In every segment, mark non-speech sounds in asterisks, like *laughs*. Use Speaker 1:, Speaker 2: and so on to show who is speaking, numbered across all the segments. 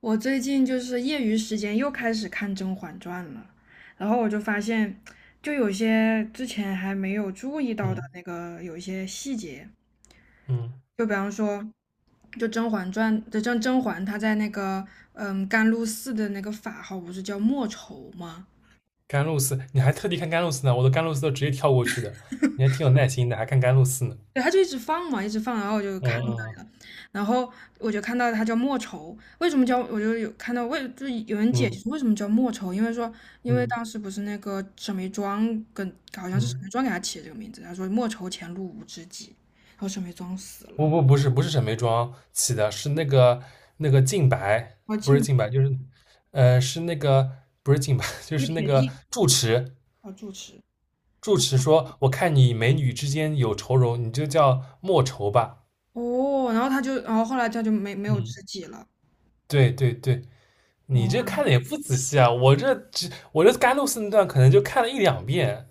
Speaker 1: 我最近就是业余时间又开始看《甄嬛传》了，然后我就发现，就有些之前还没有注意到的
Speaker 2: 嗯
Speaker 1: 那个有一些细节，
Speaker 2: 嗯，
Speaker 1: 就比方说，就《甄嬛传》就甄嬛她在那个甘露寺的那个法号不是叫莫愁吗？
Speaker 2: 甘露寺，你还特地看甘露寺呢？我的甘露寺都直接跳过去的，你还挺有耐心的，还看甘露寺呢。
Speaker 1: 对，他就一直放嘛，一直放，然后我就看到
Speaker 2: 嗯
Speaker 1: 了，然后我就看到他叫莫愁，为什么叫？我就有看到就有人解
Speaker 2: 嗯
Speaker 1: 释为什么叫莫愁，因为说，因
Speaker 2: 嗯
Speaker 1: 为
Speaker 2: 嗯
Speaker 1: 当时不是那个沈眉庄跟好像是沈眉
Speaker 2: 嗯，
Speaker 1: 庄给他起的这个名字，他说莫愁前路无知己，然后沈眉庄死了，然
Speaker 2: 不是沈眉庄起的，是那个靖白，
Speaker 1: 后
Speaker 2: 不
Speaker 1: 进
Speaker 2: 是靖白，就是是那个不是靖白，*laughs* 就
Speaker 1: 那个
Speaker 2: 是那
Speaker 1: 铁
Speaker 2: 个
Speaker 1: 梯
Speaker 2: 住持。
Speaker 1: 要住持，
Speaker 2: 住持说：“我看你美女之间有愁容，你就叫莫愁吧。”
Speaker 1: 哦，然后他就，然后后来他就没有
Speaker 2: 嗯，
Speaker 1: 知己了，
Speaker 2: 对对对，你这
Speaker 1: 哇，
Speaker 2: 看的也不仔细啊，我这甘露寺那段可能就看了一两遍。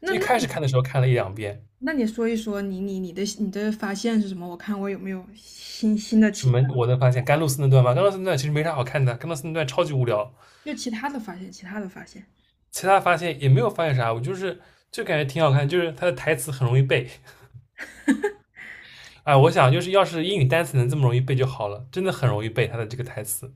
Speaker 1: 那
Speaker 2: 就一
Speaker 1: 那
Speaker 2: 开始
Speaker 1: 你
Speaker 2: 看的时候看了一两遍，
Speaker 1: 那你说一说你的发现是什么？我看我有没有新新的
Speaker 2: 什
Speaker 1: 启。
Speaker 2: 么我能发现甘露寺那段吗？甘露寺那段其实没啥好看的，甘露寺那段超级无聊。
Speaker 1: 又其他的发现，其他的发现，
Speaker 2: 其他发现也没有发现啥，我就是就感觉挺好看，就是他的台词很容易背。哎，我想就是要是英语单词能这么容易背就好了，真的很容易背它的这个台词。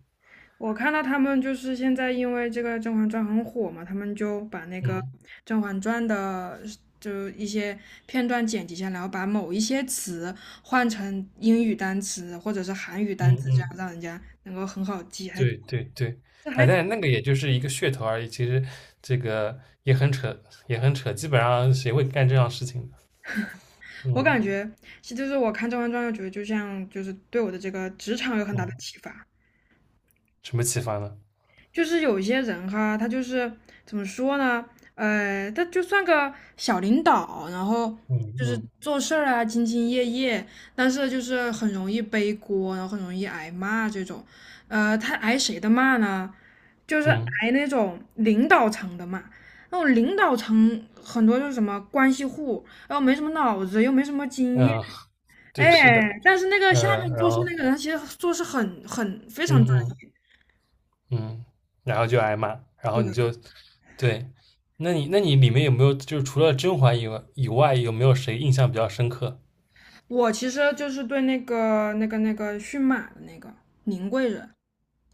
Speaker 1: 我看到他们就是现在因为这个《甄嬛传》很火嘛，他们就把那个
Speaker 2: 嗯
Speaker 1: 《甄嬛传》的就一些片段剪辑下来，然后把某一些词换成英语单词或者是韩语单
Speaker 2: 嗯
Speaker 1: 词，这样
Speaker 2: 嗯，
Speaker 1: 让人家能够很好记。还
Speaker 2: 对
Speaker 1: 这
Speaker 2: 对对，哎，
Speaker 1: 还
Speaker 2: 但是那个也就是一个噱头而已，其实这个也很扯，也很扯，基本上谁会干这样事情的？
Speaker 1: 我感
Speaker 2: 嗯
Speaker 1: 觉，其实就是我看《甄嬛传》，又觉得就像就是对我的这个职场有很大的
Speaker 2: 嗯，
Speaker 1: 启发。
Speaker 2: 什么启发呢？
Speaker 1: 就是有一些人哈，他就是怎么说呢？他就算个小领导，然后
Speaker 2: 嗯
Speaker 1: 就是
Speaker 2: 嗯
Speaker 1: 做事儿啊，兢兢业业，但是就是很容易背锅，然后很容易挨骂这种。他挨谁的骂呢？就是
Speaker 2: 嗯
Speaker 1: 挨那种领导层的骂。那种领导层很多就是什么关系户，然后没什么脑子，又没什么经验，
Speaker 2: 嗯，
Speaker 1: 哎，
Speaker 2: 对，是的，
Speaker 1: 但是那个
Speaker 2: 嗯，
Speaker 1: 下面
Speaker 2: 然
Speaker 1: 做事
Speaker 2: 后，
Speaker 1: 那个人，他其实做事非常
Speaker 2: 嗯
Speaker 1: 专
Speaker 2: 嗯
Speaker 1: 业。
Speaker 2: 嗯，然后就挨骂，然后你
Speaker 1: 对
Speaker 2: 就，对，那你里面有没有就是除了甄嬛以外，有没有谁印象比较深刻？
Speaker 1: 我其实就是对那个驯马的那个宁贵人，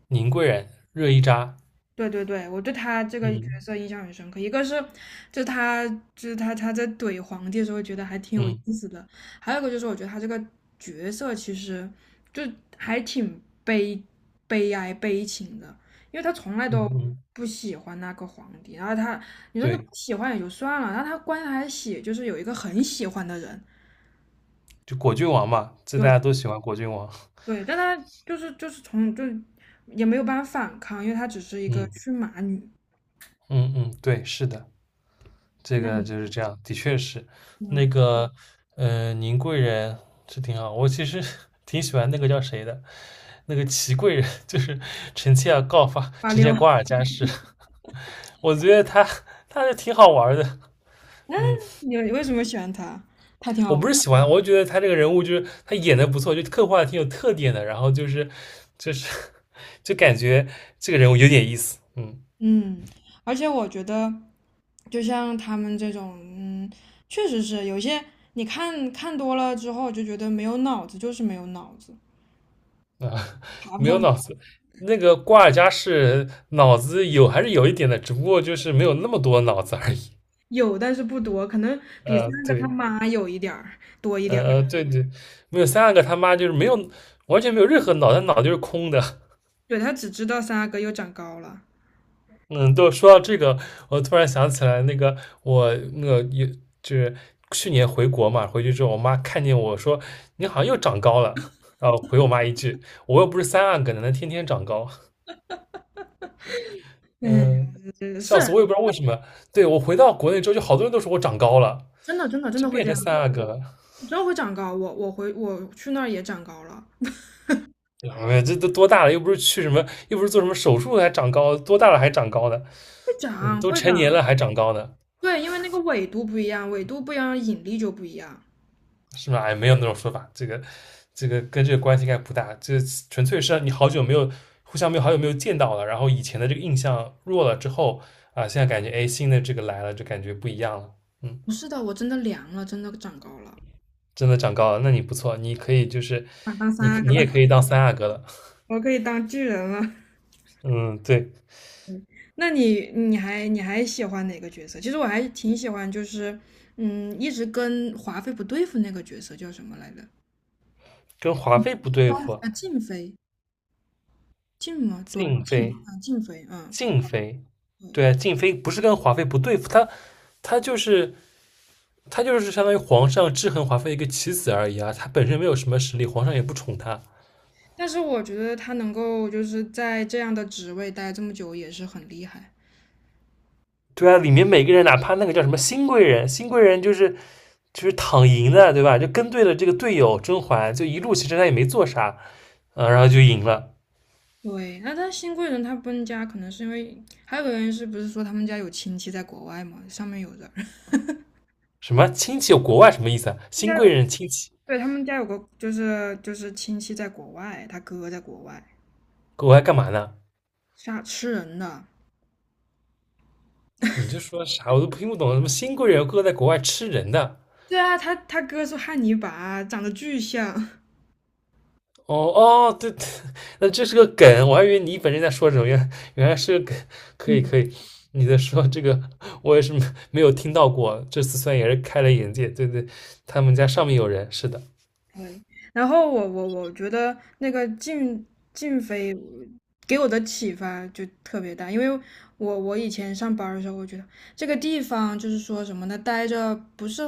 Speaker 2: 宁贵人、热依扎，
Speaker 1: 对对对，我对他这个角
Speaker 2: 嗯
Speaker 1: 色印象很深刻。一个是，就他就是他在怼皇帝的时候，觉得还挺有
Speaker 2: 嗯
Speaker 1: 意思的；还有一个就是，我觉得他这个角色其实就还挺悲悲哀悲情的，因为他从来
Speaker 2: 嗯
Speaker 1: 都
Speaker 2: 嗯，
Speaker 1: 不喜欢那个皇帝，然后他你说那不
Speaker 2: 对，
Speaker 1: 喜欢也就算了，然后他关键就是有一个很喜欢的人，
Speaker 2: 就果郡王嘛，这大
Speaker 1: 对，
Speaker 2: 家都喜欢果郡王，
Speaker 1: 对，但她就是也没有办法反抗，因为她只是一个
Speaker 2: 嗯
Speaker 1: 驯马女。
Speaker 2: 嗯嗯，对，是的，这
Speaker 1: 那
Speaker 2: 个
Speaker 1: 你
Speaker 2: 就是这样，的确是，那
Speaker 1: 嗯，
Speaker 2: 个宁贵人是挺好，我其实 *laughs* 挺喜欢那个叫谁的，那个祺贵人，就是臣妾要告发
Speaker 1: 八
Speaker 2: 臣
Speaker 1: 六，
Speaker 2: 妾瓜尔
Speaker 1: *laughs*
Speaker 2: 佳氏。我觉得他是挺好玩的，嗯，
Speaker 1: 你为什么喜欢她？她挺
Speaker 2: 我
Speaker 1: 好
Speaker 2: 不是
Speaker 1: 玩。
Speaker 2: 喜欢，我就觉得他这个人物就是他演的不错，就刻画的挺有特点的，然后就是就感觉这个人物有点意思，嗯
Speaker 1: 嗯，而且我觉得，就像他们这种，确实是有些你看看多了之后就觉得没有脑子，就是没有脑子，
Speaker 2: 啊，
Speaker 1: 爬不
Speaker 2: 没有脑
Speaker 1: 上。
Speaker 2: 子。那个瓜尔佳氏脑子有还是有一点的，只不过就是没有那么多脑子而已。
Speaker 1: 有，但是不多，可能比三阿哥他
Speaker 2: 对，
Speaker 1: 妈有一点儿多一点儿。
Speaker 2: 对对，没有三阿哥他妈就是没有完全没有任何脑袋，脑袋就是空的。
Speaker 1: 对，他只知道三阿哥又长高了。
Speaker 2: 嗯，都说到这个，我突然想起来，那个我那个也就是去年回国嘛，回去之后，我妈看见我说你好像又长高了，然后回我妈一句，我又不是三阿哥，哪能天天长高？
Speaker 1: 哎呀
Speaker 2: 嗯，
Speaker 1: 这是
Speaker 2: 笑死，我也不知道为什么。对，我回到国内之后，就好多人都说我长高了，
Speaker 1: 真的，真的，真的
Speaker 2: 真
Speaker 1: 会
Speaker 2: 变
Speaker 1: 这
Speaker 2: 成
Speaker 1: 样。
Speaker 2: 三阿哥了。
Speaker 1: 你真会长高，我回我去那儿也长高了，
Speaker 2: 哎，这都多大了？又不是去什么，又不是做什么手术还长高，多大了还长高的？
Speaker 1: 会
Speaker 2: 嗯，
Speaker 1: 长
Speaker 2: 都
Speaker 1: 会
Speaker 2: 成
Speaker 1: 长。
Speaker 2: 年了还长高呢。
Speaker 1: 对，因为那个纬度不一样，纬度不一样，引力就不一样。
Speaker 2: 是吗？哎，没有那种说法，这个跟这个关系应该不大，这纯粹是你好久没有互相没有好久没有见到了，然后以前的这个印象弱了之后啊，现在感觉哎新的这个来了，就感觉不一样了，嗯，
Speaker 1: 不是的，我真的凉了，真的长高了，
Speaker 2: 真的长高了，那你不错，你可以就是
Speaker 1: 想当
Speaker 2: 你
Speaker 1: 三个
Speaker 2: 你
Speaker 1: 了，
Speaker 2: 也可以当三阿哥了，
Speaker 1: *laughs* 我可以当巨人了。
Speaker 2: 嗯，对，
Speaker 1: *laughs* 那你还喜欢哪个角色？其实我还挺喜欢，就是一直跟华妃不对付那个角色叫什么来着？
Speaker 2: 跟华妃不对付，
Speaker 1: 啊，静妃，静吗？端
Speaker 2: 静
Speaker 1: 静啊，
Speaker 2: 妃
Speaker 1: 静妃，嗯，
Speaker 2: 静妃，
Speaker 1: 对。
Speaker 2: 对啊，静妃不是跟华妃不对付，她她就是他就是相当于皇上制衡华妃一个棋子而已啊，他本身没有什么实力，皇上也不宠他。
Speaker 1: 但是我觉得她能够就是在这样的职位待这么久，也是很厉害。
Speaker 2: 对啊，里面每个人，哪怕那个叫什么新贵人，新贵人就是躺赢的，对吧？就跟对了这个队友甄嬛，就一路其实他也没做啥，嗯，然后就赢了。
Speaker 1: 对，那他新贵人他搬家，可能是因为还有个原因是不是说他们家有亲戚在国外嘛？上面有人，*laughs*
Speaker 2: 什么亲戚有国外什么意思啊？
Speaker 1: 他们家
Speaker 2: 新贵
Speaker 1: 有，
Speaker 2: 人亲戚
Speaker 1: 对，他们家有个就是亲戚在国外，他哥在国外，
Speaker 2: 国外干嘛呢？
Speaker 1: 杀吃人的。
Speaker 2: 你就说啥我都听不懂，什么新贵人哥在国外吃人的，
Speaker 1: 对啊，他哥是汉尼拔，长得巨像。*laughs*
Speaker 2: 哦哦，对，对那这是个梗，我还以为你本身在说什么，原来是个梗，可以可
Speaker 1: 嗯，
Speaker 2: 以，你在说这个我也是没有听到过，这次算也是开了眼界，对对，他们家上面有人，是的，
Speaker 1: 对，然后我觉得那个静飞给我的启发就特别大，因为我以前上班儿的时候，我觉得这个地方就是说什么呢，待着不是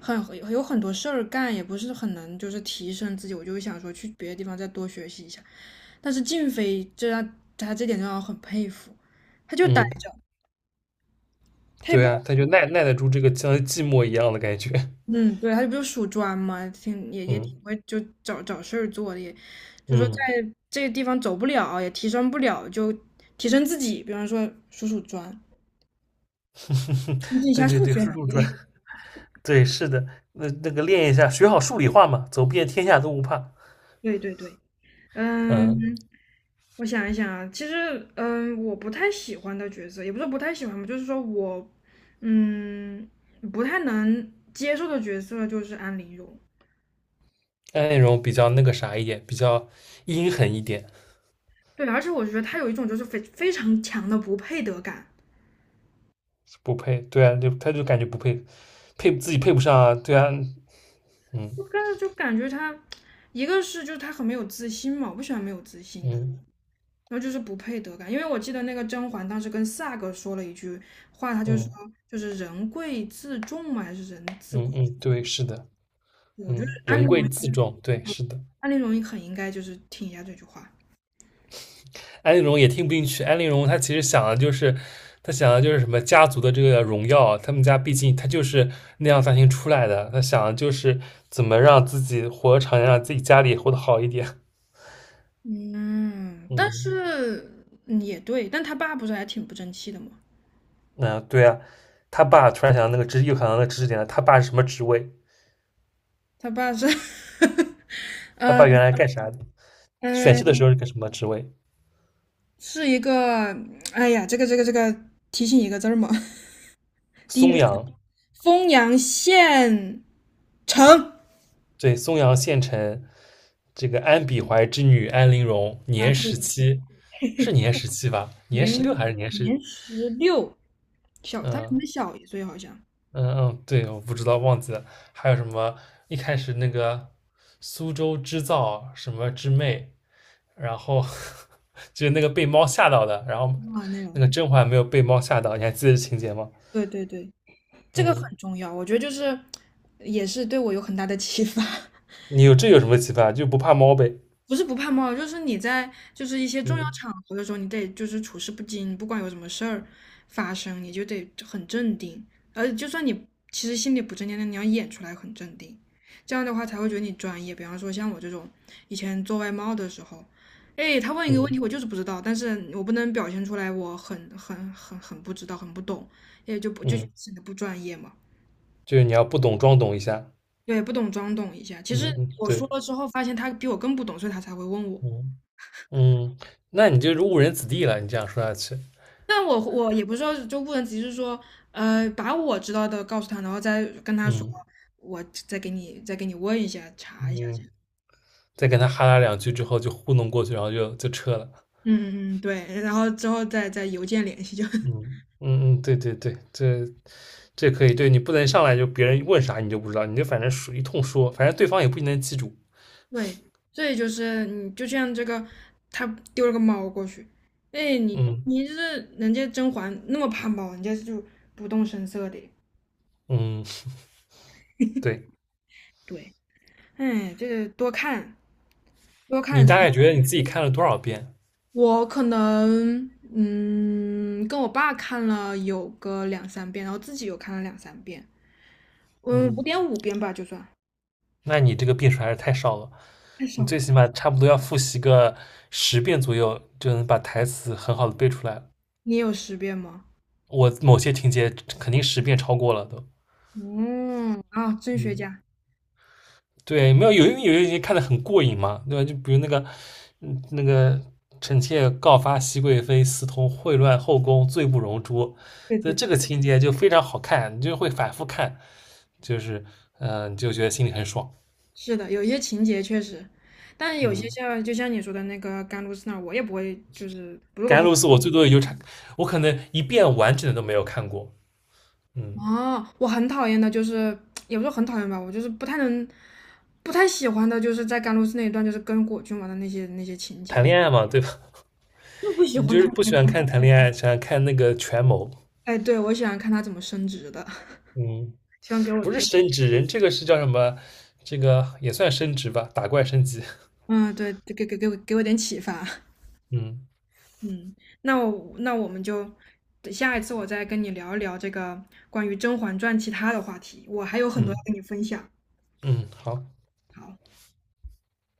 Speaker 1: 很有很多事儿干，也不是很能就是提升自己，我就想说去别的地方再多学习一下。但是静飞这让他这点让我很佩服，他就待
Speaker 2: 嗯，
Speaker 1: 着，他也
Speaker 2: 对啊，
Speaker 1: 不。
Speaker 2: 他就耐得住这个像寂寞一样的感觉，
Speaker 1: 嗯，对，他就不是属砖嘛，挺也也挺
Speaker 2: 嗯
Speaker 1: 会就找找事儿做的，也就说
Speaker 2: 嗯，
Speaker 1: 在这个地方走不了，也提升不了，就提升自己，比方说数数砖，增进
Speaker 2: *laughs*
Speaker 1: 一
Speaker 2: 对
Speaker 1: 下
Speaker 2: 对
Speaker 1: 数
Speaker 2: 对，
Speaker 1: 学
Speaker 2: 叔
Speaker 1: 能
Speaker 2: 叔转，
Speaker 1: 力。
Speaker 2: 对，是的，那个练一下，学好数理化嘛，走遍天下都不怕，
Speaker 1: *laughs* 对对对，
Speaker 2: 嗯，
Speaker 1: 嗯，我想一想啊，其实我不太喜欢的角色，也不是说不太喜欢吧，就是说我嗯不太能接受的角色就是安陵容。
Speaker 2: 那种比较那个啥一点，比较阴狠一点。
Speaker 1: 对，而且我觉得他有一种就是非常强的不配得感。
Speaker 2: 不配，对啊，就他就感觉不配，配自己配不上啊，对啊，
Speaker 1: 我
Speaker 2: 嗯
Speaker 1: 看着就感觉他，一个是就是他很没有自信嘛，我不喜欢没有自信的，
Speaker 2: 嗯
Speaker 1: 然后就是不配得感。因为我记得那个甄嬛当时跟萨哥说了一句话，他就说
Speaker 2: 嗯
Speaker 1: 就是人贵自重嘛，还是人自
Speaker 2: 嗯
Speaker 1: 贵自
Speaker 2: 嗯，对，
Speaker 1: 重
Speaker 2: 是的，
Speaker 1: 我觉得
Speaker 2: 嗯，
Speaker 1: 安
Speaker 2: 人
Speaker 1: 陵容
Speaker 2: 贵自重，对，是的。
Speaker 1: 安陵容很应该就是听一下这句话。
Speaker 2: 安陵容也听不进去，安陵容她其实想的就是，她想的就是什么家族的这个荣耀啊，他们家毕竟她就是那样大厅出来的，她想的就是怎么让自己活得长一点，让自己家里活得好一点，
Speaker 1: 嗯，但
Speaker 2: 嗯
Speaker 1: 是也对，但他爸不是还挺不争气的吗？
Speaker 2: 那对啊，他爸突然想到那个知识点了，他爸是什么职位？
Speaker 1: 他爸是 *laughs*
Speaker 2: 他爸原
Speaker 1: 嗯，
Speaker 2: 来干啥的？选秀的
Speaker 1: 嗯，
Speaker 2: 时候是个什么职位？
Speaker 1: 是一个，哎呀，这个，提醒一个字儿嘛。*laughs* 第一
Speaker 2: 松
Speaker 1: 个
Speaker 2: 阳，
Speaker 1: 丰阳县城。
Speaker 2: 对，松阳县城这个安比怀之女安陵容，
Speaker 1: 啊，
Speaker 2: 年
Speaker 1: 对
Speaker 2: 十
Speaker 1: 对，
Speaker 2: 七，是年十七吧？年16
Speaker 1: 年
Speaker 2: 还是年十？
Speaker 1: 年16，小，他比我
Speaker 2: 嗯
Speaker 1: 们小一岁好像。
Speaker 2: 嗯嗯，对，我不知道，忘记了。还有什么？一开始那个苏州织造什么织妹，然后 *laughs* 就是那个被猫吓到的，然后
Speaker 1: 啊，那
Speaker 2: 那
Speaker 1: 种，
Speaker 2: 个甄嬛没有被猫吓到，你还记得这情节吗？
Speaker 1: 对对对，这个很
Speaker 2: 嗯，
Speaker 1: 重要，我觉得就是也是对我有很大的启发。*laughs*
Speaker 2: 你有什么启发？就不怕猫呗？
Speaker 1: 不是不怕冒，就是你在就是一些重要
Speaker 2: 嗯
Speaker 1: 场合的时候，你得就是处事不惊，不管有什么事儿发生，你就得很镇定。而就算你其实心里不镇定，但你要演出来很镇定，这样的话才会觉得你专业。比方说像我这种以前做外贸的时候，哎，他问一个问
Speaker 2: 嗯
Speaker 1: 题，我就是不知道，但是我不能表现出来我很不知道，很不懂，也就不就
Speaker 2: 嗯，
Speaker 1: 显得不专业嘛。
Speaker 2: 就是你要不懂装懂一下。
Speaker 1: 对，不懂装懂一下。其实
Speaker 2: 嗯嗯，
Speaker 1: 我说
Speaker 2: 对。
Speaker 1: 了之后，发现他比我更不懂，所以他才会问我。
Speaker 2: 嗯嗯，那你就是误人子弟了。你这样说下去，
Speaker 1: 但我也不知道，就不能只是说，把我知道的告诉他，然后再跟他说，
Speaker 2: 嗯
Speaker 1: 我再给你问一下，查一下这
Speaker 2: 嗯，
Speaker 1: 样。
Speaker 2: 再跟他哈拉两句之后就糊弄过去，然后就撤了。
Speaker 1: 嗯嗯嗯，对，然后之后再邮件联系就 *laughs*
Speaker 2: 嗯嗯嗯，对对对，这可以。对你不能上来就别人问啥你就不知道，你就反正说一通说，反正对方也不一定能记住。
Speaker 1: 对，所以就是你就像这个，他丢了个猫过去，哎，你
Speaker 2: 嗯
Speaker 1: 你就是人家甄嬛那么怕猫，人家就不动声色的，
Speaker 2: 嗯，对
Speaker 1: 对，哎，这个多看多看
Speaker 2: 你大
Speaker 1: 长
Speaker 2: 概觉得你自己看了多少遍？
Speaker 1: 我可能跟我爸看了有个两三遍，然后自己又看了两三遍，五
Speaker 2: 嗯，
Speaker 1: 点五遍吧，就算
Speaker 2: 那你这个遍数还是太少了。
Speaker 1: 太少
Speaker 2: 你最
Speaker 1: 了。
Speaker 2: 起码差不多要复习个十遍左右，就能把台词很好的背出来了。
Speaker 1: 你有10遍吗？
Speaker 2: 我某些情节肯定十遍超过了都。
Speaker 1: 嗯，啊，真学
Speaker 2: 嗯，
Speaker 1: 家。
Speaker 2: 对，没有些看得很过瘾嘛，对吧？就比如那个，嗯，那个臣妾告发熹贵妃私通秽乱后宫，罪不容诛，
Speaker 1: 对
Speaker 2: 所
Speaker 1: 对
Speaker 2: 以
Speaker 1: 的，
Speaker 2: 这个情节就非常好看，你就会反复看，就是嗯，你就觉得心里很爽。
Speaker 1: 是的，有一些情节确实，但有些
Speaker 2: 嗯，
Speaker 1: 就像你说的那个甘露寺那儿，我也不会，就是如果
Speaker 2: 甘
Speaker 1: 不
Speaker 2: 露寺我最多也就差，我可能一遍完整的都没有看过。嗯，
Speaker 1: 哦，我很讨厌的，就是 *tsk* 也不是很讨厌吧，我就是不太能，不太喜欢的，就是在甘露寺那一段，就是跟果郡王的那些情
Speaker 2: 谈
Speaker 1: 节，
Speaker 2: 恋爱嘛，对吧？
Speaker 1: 就不喜
Speaker 2: 你
Speaker 1: 欢
Speaker 2: 就是
Speaker 1: 看
Speaker 2: 不
Speaker 1: 这
Speaker 2: 喜
Speaker 1: 个。
Speaker 2: 欢看谈恋爱，喜欢看那个权谋。
Speaker 1: 哎，对，我喜欢看他怎么升职的，
Speaker 2: 嗯。
Speaker 1: *laughs* 希望给我
Speaker 2: 不
Speaker 1: 这
Speaker 2: 是
Speaker 1: 个，
Speaker 2: 升职，人这个是叫什么？这个也算升职吧，打怪升级。
Speaker 1: 嗯，对，给我点启发。
Speaker 2: 嗯
Speaker 1: 嗯，那我们就下一次我再跟你聊一聊这个关于《甄嬛传》其他的话题，我还有很多要
Speaker 2: 嗯
Speaker 1: 跟你分享。
Speaker 2: 嗯，好。
Speaker 1: 好。